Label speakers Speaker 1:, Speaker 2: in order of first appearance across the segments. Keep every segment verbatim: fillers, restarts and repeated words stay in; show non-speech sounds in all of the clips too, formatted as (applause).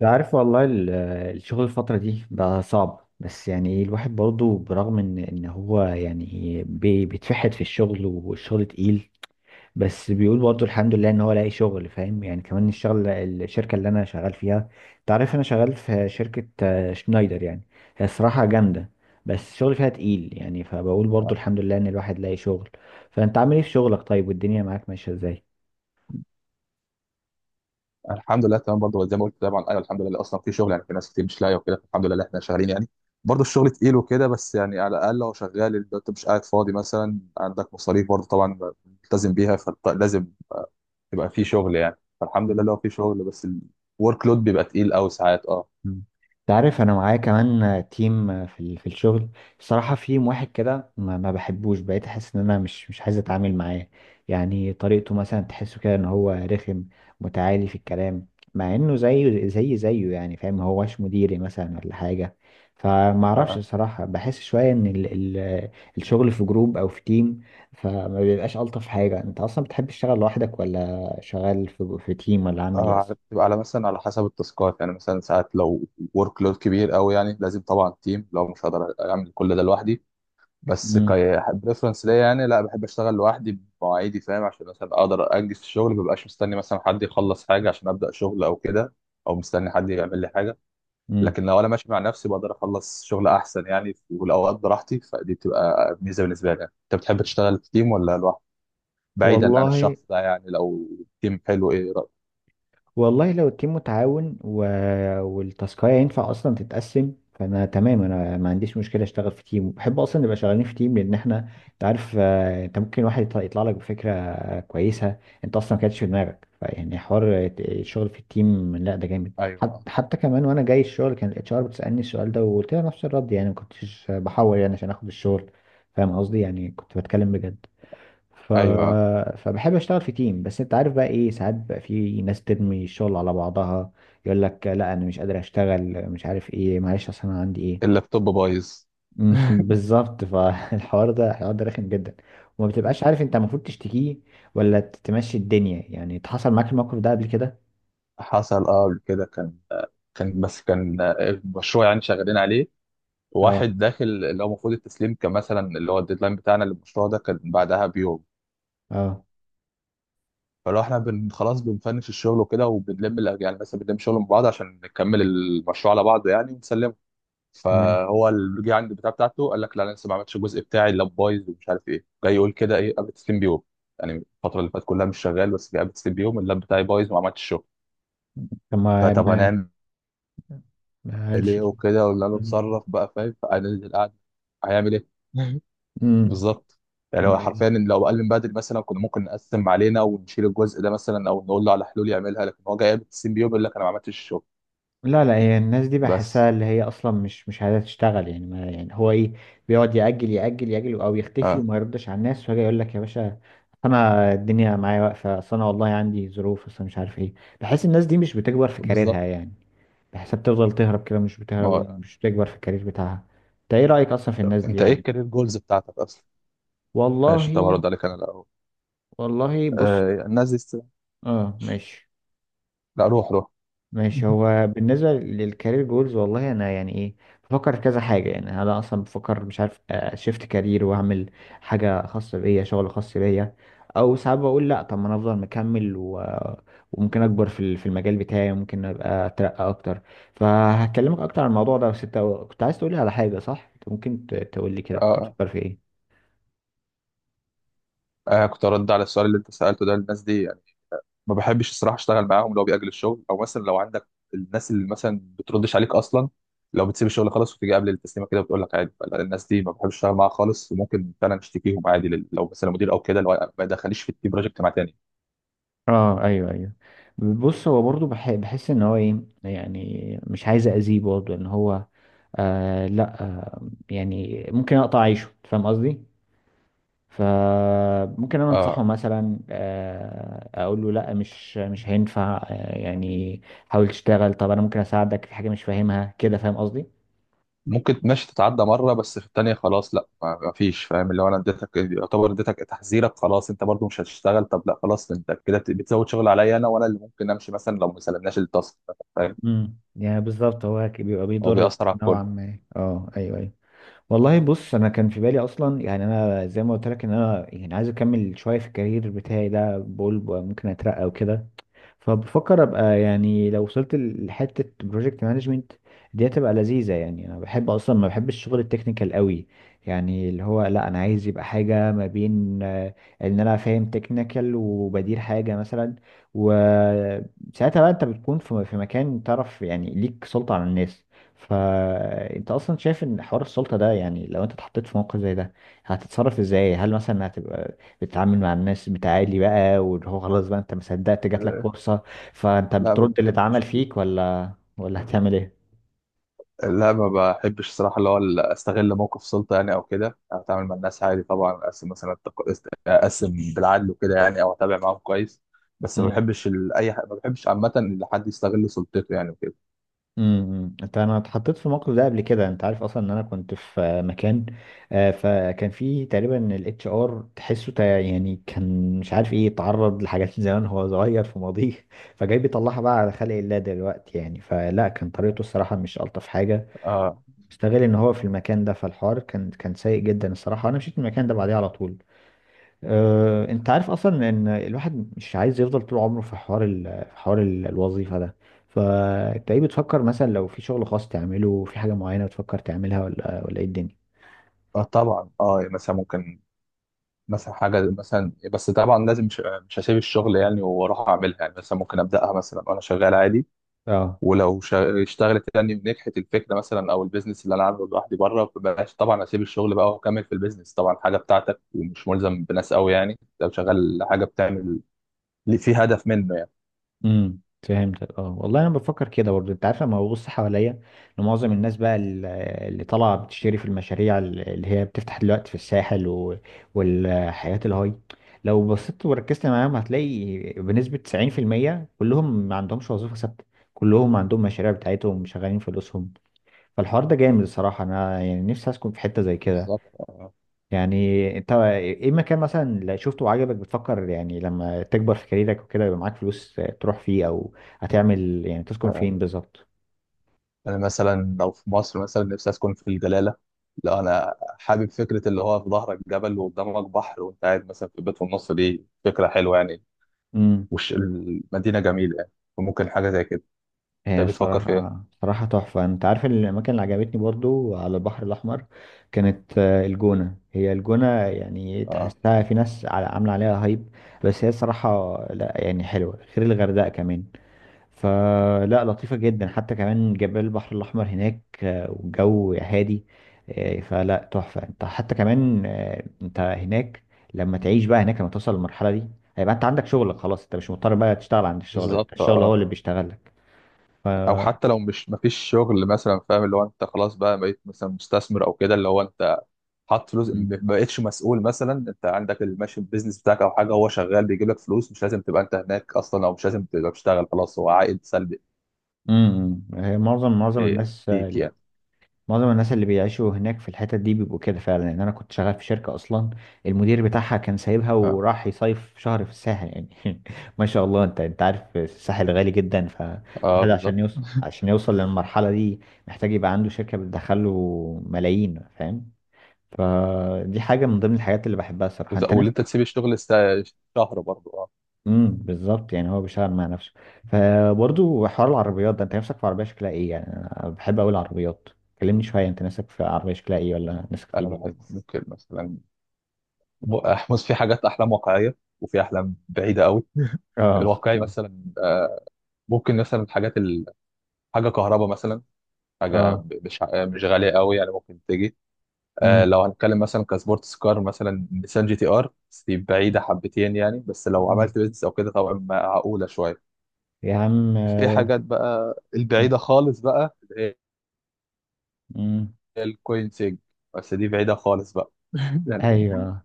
Speaker 1: أنت عارف والله ال- الشغل الفترة دي بقى صعب، بس يعني إيه، الواحد برضه برغم ان ان هو يعني بي- بيتفحت في الشغل والشغل تقيل، بس بيقول برضه الحمد لله ان هو لاقي شغل، فاهم؟ يعني كمان الشغل الشركة اللي انا شغال فيها، انت عارف انا شغال في شركة آه، شنايدر يعني. هي الصراحة جامدة، بس الشغل فيها تقيل يعني، فبقول برضه
Speaker 2: آه.
Speaker 1: الحمد لله ان الواحد لاقي شغل. فانت عامل ايه في شغلك طيب، والدنيا معاك ماشية ازاي؟
Speaker 2: الحمد لله تمام، برضه زي ما قلت طبعا، ايوه الحمد لله اصلا في شغل، يعني في ناس كتير مش لاقيه وكده، الحمد لله احنا شغالين يعني. برضه الشغل تقيل وكده، بس يعني على الاقل لو شغال انت مش قاعد فاضي، مثلا عندك مصاريف برضه طبعا ملتزم بيها، فلازم يبقى في شغل يعني. فالحمد لله لو في شغل، بس الورك لود بيبقى تقيل قوي ساعات. اه،
Speaker 1: مم. انت عارف انا معايا كمان تيم في ال- في الشغل، الصراحه في واحد كده ما, ما بحبوش، بقيت احس ان انا مش مش عايز اتعامل معاه. يعني طريقته مثلا تحسه كده ان هو رخم، متعالي في الكلام، مع انه زيه زي زيه يعني، فاهم؟ ما هوش مديري مثلا ولا حاجه، فما اعرفش
Speaker 2: اه،
Speaker 1: الصراحه، بحس شويه ان ال ال الشغل في جروب او في تيم، فما بيبقاش الطف حاجه. انت اصلا بتحب تشتغل لوحدك ولا شغال في في تيم، ولا عامل ايه
Speaker 2: آه،
Speaker 1: اصلا؟
Speaker 2: بتبقى على مثلا على حسب التاسكات، يعني مثلا ساعات لو ورك لود كبير قوي، يعني لازم طبعا تيم، لو مش هقدر اعمل كل ده لوحدي. بس
Speaker 1: امم،
Speaker 2: كريفرنس ليا يعني، لا بحب اشتغل لوحدي بمواعيدي، فاهم؟ عشان مثلا اقدر انجز في الشغل، مبقاش مستني مثلا حد يخلص حاجه عشان ابدا شغل او كده، او مستني حد يعمل لي حاجه.
Speaker 1: امم،
Speaker 2: لكن لو انا ماشي مع نفسي بقدر اخلص شغل احسن، يعني في الاوقات براحتي، فدي بتبقى ميزه بالنسبه لي يعني. انت بتحب تشتغل في تيم ولا لوحدك؟ بعيدا عن
Speaker 1: والله،
Speaker 2: الشخص ده يعني، لو تيم حلو ايه رأيك؟
Speaker 1: والله لو التيم متعاون و... والتاسكاية ينفع اصلا تتقسم، فانا تمام، انا ما عنديش مشكله اشتغل في تيم، وبحب اصلا نبقى شغالين في تيم، لان احنا انت عارف، آه، انت ممكن واحد يطلع يطلع لك بفكره آه، كويسه، انت اصلا ما كانتش في دماغك، فيعني حوار آه، الشغل في التيم لا ده جامد.
Speaker 2: ايوه،
Speaker 1: حت... حتى كمان وانا جاي الشغل، كان الاتش ار بتسالني السؤال ده، وقلت لها نفس الرد، يعني ما كنتش بحور يعني عشان اخد الشغل، فاهم قصدي؟ يعني كنت بتكلم بجد. ف...
Speaker 2: ايوه،
Speaker 1: فبحب اشتغل في تيم، بس انت عارف بقى ايه، ساعات بقى في ناس ترمي الشغل على بعضها، يقول لك لا انا مش قادر اشتغل، مش عارف ايه، معلش اصل انا عندي ايه.
Speaker 2: اللابتوب بايظ.
Speaker 1: (laughs) مم، بالظبط، فالحوار (laughs) ده، الحوار ده رخم جدا، وما بتبقاش عارف انت المفروض تشتكيه ولا تمشي الدنيا. يعني اتحصل معاك الموقف ده قبل كده؟
Speaker 2: حصل اه قبل كده، كان كان بس كان آه، مشروع يعني شغالين عليه،
Speaker 1: اه،
Speaker 2: واحد داخل اللي هو المفروض التسليم، كان مثلا اللي هو الديدلاين بتاعنا للمشروع ده كان بعدها بيوم.
Speaker 1: اه،
Speaker 2: فلو احنا بن خلاص بنفنش الشغل وكده، وبنلم الأج- يعني مثلا بنلم شغل من بعض عشان نكمل المشروع على بعضه يعني ونسلمه.
Speaker 1: تمام.
Speaker 2: فهو اللي جه عند البتاع بتاعته، قال لك لا انا لسه ما عملتش الجزء بتاعي، اللاب بايظ ومش عارف ايه. جاي يقول كده ايه قبل التسليم بيوم يعني؟ الفتره اللي فاتت كلها مش شغال، بس جه قبل التسليم بيوم اللاب بتاعي بايظ وما عملتش الشغل.
Speaker 1: طب ما
Speaker 2: فطب
Speaker 1: ما
Speaker 2: هنعمل
Speaker 1: ما قالش
Speaker 2: ايه
Speaker 1: لي.
Speaker 2: وكده؟ ولا له اتصرف بقى، فاهم؟ فانا قاعد هيعمل ايه؟ (laughs) بالظبط. يعني هو حرفيا
Speaker 1: امم.
Speaker 2: إن لو قال من بدري، مثلا كنا ممكن نقسم علينا ونشيل الجزء ده مثلا، او نقول له على حلول يعملها. لكن هو جاي قبل السين بيو بيقول لك انا ما عملتش الشغل.
Speaker 1: لا لا هي الناس دي،
Speaker 2: بس.
Speaker 1: بحسها اللي هي اصلا مش مش عايزه تشتغل يعني، ما يعني هو ايه، بيقعد يأجل يأجل يأجل او يختفي
Speaker 2: اه،
Speaker 1: وما يردش على الناس، ويجي يقول لك يا باشا انا الدنيا معايا واقفه، اصل انا والله عندي ظروف، اصل مش عارف ايه. بحس الناس دي مش بتكبر في كاريرها
Speaker 2: بالظبط.
Speaker 1: يعني، بحسها بتفضل تهرب كده، مش
Speaker 2: ما
Speaker 1: بتهرب،
Speaker 2: هو
Speaker 1: مش بتكبر في الكارير بتاعها. انت ايه رأيك اصلا في الناس دي
Speaker 2: انت ايه
Speaker 1: يعني؟
Speaker 2: الكارير جولز بتاعتك اصلا؟
Speaker 1: والله،
Speaker 2: ماشي، طب هرد عليك انا الاول.
Speaker 1: والله بص،
Speaker 2: آه الناس دي است...
Speaker 1: اه ماشي،
Speaker 2: لا، روح روح.
Speaker 1: ماشي.
Speaker 2: (laughs)
Speaker 1: هو بالنسبة للكارير جولز، والله أنا يعني إيه، بفكر في كذا حاجة، يعني أنا أصلا بفكر، مش عارف، شيفت كارير وأعمل حاجة خاصة بيا، شغل خاص بيا، أو ساعات بقول لأ، طب ما أنا أفضل مكمل و... وممكن أكبر في ال- في المجال بتاعي، وممكن أبقى أترقى أكتر. فهكلمك أكتر عن الموضوع ده، بس أنت كنت عايز تقولي على حاجة، صح؟ أنت ممكن ت- تقولي كده، كنت
Speaker 2: آه.
Speaker 1: بتفكر في إيه؟
Speaker 2: آه كنت ارد على السؤال اللي انت سالته ده. الناس دي ما بحبش الصراحه اشتغل معاهم، لو بيأجل الشغل، او مثلا لو عندك الناس اللي مثلا بتردش عليك اصلا، لو بتسيب الشغل خالص وتيجي قبل التسليمه كده بتقول لك عادي، فلا، الناس دي ما بحبش اشتغل معاها خالص، وممكن فعلا اشتكيهم عادي، لل- لو مثلا مدير او كده، لو ما دخليش في التيم بروجكت مع تاني.
Speaker 1: اه ايوه ايوه. بص هو برضو بح- بحس ان هو ايه يعني، مش عايز اذيه برضو ان هو، آه لا آه، يعني ممكن اقطع عيشه، فاهم قصدي؟ فممكن انا انصحه
Speaker 2: آه،
Speaker 1: مثلا، آه اقول له لا، مش مش هينفع آه يعني، حاول تشتغل، طب انا ممكن اساعدك في حاجه مش فاهمها كده، فاهم قصدي؟
Speaker 2: ممكن ماشي تتعدى مره، بس في التانيه خلاص لا، ما ما فيش، فاهم؟ اللي هو انا اديتك، يعتبر اديتك تحذيرك. خلاص انت برضو مش هتشتغل، طب لا خلاص، انت كده بت- بتزود شغل عليا انا، وانا اللي ممكن امشي مثلا لو ما سلمناش التاسك، فاهم؟
Speaker 1: امم، يعني بالظبط، هو بيبقى
Speaker 2: هو
Speaker 1: بيضرك
Speaker 2: بيأثر على الكل.
Speaker 1: نوعا ما، اه ايوه. والله بص، انا كان في بالي اصلا يعني، انا زي ما قلت لك ان انا يعني عايز اكمل شويه في الكارير بتاعي ده، بقول ب- ممكن اترقى وكده، فبفكر ابقى يعني لو وصلت لحته بروجكت مانجمنت، دي هتبقى لذيذه يعني. انا بحب اصلا، ما بحبش الشغل التكنيكال قوي، يعني اللي هو لا انا عايز يبقى حاجه ما بين آه، ان انا فاهم تكنيكال وبدير حاجه مثلا، وساعتها بقى انت بتكون في في مكان تعرف يعني، ليك سلطه على الناس. فانت اصلا شايف ان حوار السلطه ده، يعني لو انت اتحطيت في موقف زي ده، هتتصرف ازاي؟ هل مثلا هتبقى بتتعامل مع الناس بتعالي بقى، واللي هو خلاص بقى انت ما صدقت جات لك
Speaker 2: آه،
Speaker 1: فرصة، فانت
Speaker 2: لا ما
Speaker 1: بترد اللي اتعمل
Speaker 2: بحبش،
Speaker 1: فيك ولا ولا هتعمل ايه؟
Speaker 2: لا ما بحبش الصراحة، اللي هو ال- استغل موقف سلطة يعني او كده. انا بتعامل مع الناس عادي طبعا، اقسم مثلا التق- است- اقسم بالعدل وكده يعني، او اتابع معاهم كويس. بس ما
Speaker 1: امم،
Speaker 2: بحبش ال... اي ح... ما بحبش عامة ان حد يستغل سلطته يعني وكده.
Speaker 1: امم. انت، انا اتحطيت في الموقف ده قبل كده، انت عارف اصلا ان انا كنت في آه، مكان، آه، فكان في تقريبا الاتش ار تحسه تا- يعني كان مش عارف ايه، اتعرض لحاجات (laughs) من زمان وهو صغير في ماضيه، (laughs) فجاي بيطلعها بقى على خلق الله دلوقتي يعني. فلا كان طريقته الصراحه مش الطف حاجه،
Speaker 2: اه،
Speaker 1: استغل ان هو في المكان ده، فالحوار كان كان سيء جدا الصراحه، انا مشيت من المكان ده بعديه على طول. أه، انت عارف اصلا ان الواحد مش عايز يفضل طول عمره في حوار ال... في حوار ال- الوظيفه ده. فانت ايه بتفكر مثلا لو في شغل خاص تعمله، في حاجه معينه بتفكر تعملها، ولا ولا ايه الدنيا؟
Speaker 2: اه طبعا، اه يعني مثلا ممكن، مثلا حاجة مثلا، بس طبعا لازم مش, مش هسيب الشغل يعني واروح اعملها، يعني مثلا ممكن ابدأها مثلا وانا شغال عادي.
Speaker 1: اه،
Speaker 2: ولو شا- اشتغلت يعني ونجحت الفكره مثلا، او البيزنس اللي انا عامله لوحدي بره، مبقاش طبعا اسيب الشغل بقى واكمل في البيزنس طبعا. حاجه بتاعتك ومش ملزم بناس قوي يعني، لو شغال حاجه بتعمل اللي فيه هدف منه يعني.
Speaker 1: امم، فهمتك. اه والله انا بفكر كده برضه، انت عارف لما ببص حواليا لمعظم الناس بقى، ال- اللي طالعه بتشتري في المشاريع ال- اللي هي بتفتح دلوقتي في الساحل و... والحياه الهاي، لو بصيت وركزت معاهم هتلاقي بنسبه تسعين في المية كلهم ما عندهمش وظيفه ثابته، كلهم عندهم مشاريع بتاعتهم، شغالين فلوسهم. فالحوار ده جامد الصراحه، انا يعني نفسي اسكن في حته زي كده.
Speaker 2: بالظبط، آه،
Speaker 1: يعني انت ايه مكان مثلا اللي شفته وعجبك، بتفكر يعني لما تكبر في كاريرك وكده يبقى معاك فلوس تروح فيه، او هتعمل يعني تسكن
Speaker 2: آه.
Speaker 1: فين بالظبط؟
Speaker 2: انا مثلا لو في مصر، مثلا نفسي اسكن في الجلاله. لو انا حابب فكره اللي هو في ظهرك جبل وقدامك بحر، وانت قاعد مثلا في بيت في النص، دي فكره حلوه يعني.
Speaker 1: امم.
Speaker 2: وش المدينه جميله يعني، وممكن حاجه زي كده. انت
Speaker 1: هي
Speaker 2: بتفكر في
Speaker 1: صراحة،
Speaker 2: ايه؟
Speaker 1: صراحة تحفة، انت عارف الاماكن اللي عجبتني برضو على البحر الاحمر، كانت آه، الجونة. هي الجونة يعني
Speaker 2: اه
Speaker 1: تحسها في ناس على- عاملة عليها هايب، بس هي صراحة لا يعني حلوة، غير الغردقة كمان، فلا لطيفة جدا، حتى كمان جبال البحر الأحمر هناك، آه، والجو هادي، آه، فلا تحفة. انت حتى كمان آه، انت هناك لما تعيش بقى هناك، لما توصل للمرحلة دي، هيبقى انت عندك شغلك خلاص، انت مش مضطر بقى تشتغل عند الشغل،
Speaker 2: بالظبط،
Speaker 1: الشغل هو
Speaker 2: اه،
Speaker 1: اللي بيشتغل لك.
Speaker 2: او حتى لو مش مفيش شغل مثلا، فاهم؟ اللي هو انت خلاص بقى بقيت مثلا مستثمر او كده، اللي هو انت حاطط فلوس، م-
Speaker 1: امم،
Speaker 2: ما بقيتش مسؤول مثلا. انت عندك الماشي البيزنس بتاعك او حاجه، هو شغال بيجيب لك فلوس، مش لازم تبقى انت هناك اصلا، او مش لازم تبقى بتشتغل خلاص، هو عائد سلبي.
Speaker 1: أمم. هي معظم معظم
Speaker 2: إيه،
Speaker 1: الناس
Speaker 2: ليك
Speaker 1: آه،
Speaker 2: يعني،
Speaker 1: معظم الناس اللي بيعيشوا هناك في الحتت دي بيبقوا كده فعلا، لان انا كنت شغال في شركة اصلا، المدير بتاعها كان سايبها
Speaker 2: اه،
Speaker 1: وراح يصيف شهر في الساحل يعني. (laughs) ما شاء الله، انت انت عارف الساحل غالي جدا،
Speaker 2: اه
Speaker 1: فالواحد
Speaker 2: بالظبط.
Speaker 1: عشان يوصل عشان يوصل للمرحلة دي محتاج يبقى عنده شركة بتدخله ملايين، فاهم؟ فدي حاجة من ضمن الحاجات اللي بحبها الصراحة.
Speaker 2: وت-
Speaker 1: انت
Speaker 2: واللي
Speaker 1: نفسك،
Speaker 2: انت تسيب الشغل سا- شهر برضه، اه.
Speaker 1: امم، بالظبط يعني هو بيشتغل مع نفسه. فبرضه حوار العربيات ده، انت نفسك في عربية شكلها ايه يعني؟ انا بحب اوي العربيات، كلمني شوية، انت نفسك في عربية شكلها ايه، ولا نفسك
Speaker 2: انا
Speaker 1: تجيب
Speaker 2: بحب
Speaker 1: ايه؟
Speaker 2: ممكن مثلا، م- بص في حاجات احلام واقعيه، وفي احلام بعيده قوي. (laughs)
Speaker 1: اه،
Speaker 2: الواقعي مثلا آه، ممكن مثلا الحاجات ال... حاجه كهرباء مثلا، حاجه
Speaker 1: اه،
Speaker 2: ب- مش ع- مش غاليه قوي يعني، ممكن تيجي. آه،
Speaker 1: امم،
Speaker 2: لو هنتكلم مثلا كسبورتس كار، مثلا نيسان جي تي ار، بس دي بعيده حبتين يعني، بس لو
Speaker 1: أمم.
Speaker 2: عملت بيزنس او كده طبعا معقوله شويه.
Speaker 1: يا عم
Speaker 2: في
Speaker 1: آه،
Speaker 2: حاجات بقى
Speaker 1: آه،
Speaker 2: البعيده خالص، بقى اللي
Speaker 1: امم،
Speaker 2: هي الكوين سيج، بس دي بعيده خالص بقى. (laughs) يعني
Speaker 1: ايوه،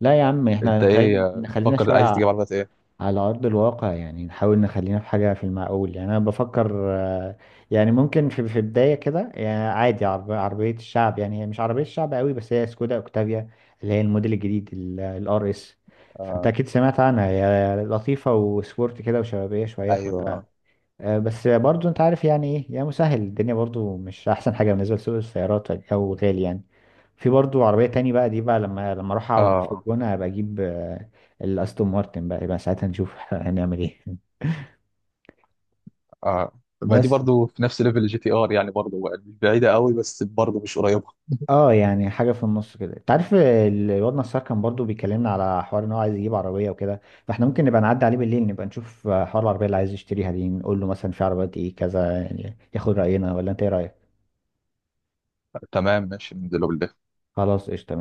Speaker 1: لا يا عم، احنا
Speaker 2: انت
Speaker 1: نخلي...
Speaker 2: ايه، آه،
Speaker 1: نخلينا
Speaker 2: فكر
Speaker 1: شويه
Speaker 2: عايز
Speaker 1: ع-
Speaker 2: تجيب عربيات ايه؟
Speaker 1: على ارض الواقع يعني، نحاول نخلينا في حاجه في المعقول يعني. انا بفكر آه، يعني ممكن في في بدايه كده يعني، عادي، عرب... عربيه الشعب يعني، هي مش عربيه الشعب قوي بس، هي سكودا اوكتافيا، اللي هي الموديل الجديد، الار اس، فانت
Speaker 2: آه،
Speaker 1: اكيد سمعت عنها، هي لطيفه وسبورت كده وشبابيه شويه،
Speaker 2: ايوه،
Speaker 1: آه، بس برضو انت عارف يعني ايه يعني، مسهل الدنيا برضو، مش احسن حاجه بالنسبه لسوق السيارات، او غالي يعني. في برضو عربيه تاني بقى، دي بقى لما لما اروح اقعد في
Speaker 2: اه،
Speaker 1: الجونه ابقى اجيب آه، الاستون مارتن بقى، يبقى ساعتها نشوف (laughs) هنعمل ايه.
Speaker 2: اه، ما دي
Speaker 1: بس
Speaker 2: برضو في نفس ليفل الجي تي ار يعني، برضو بعيده قوي، بس برضو مش قريبه. (laughs)
Speaker 1: اه، يعني حاجه في النص كده. انت عارف ال- الواد نصار كان برضو بيكلمنا على حوار ان هو عايز يجيب عربيه وكده، فاحنا ممكن نبقى نعدي عليه بالليل، نبقى نشوف آه، حوار العربيه اللي عايز يشتريها دي، نقول له مثلا في عربيات ايه كذا، يعني ياخد راينا، ولا انت ايه رايك؟
Speaker 2: تمام ماشي، ننزله بالليل.
Speaker 1: خلاص قشطه، ماشي.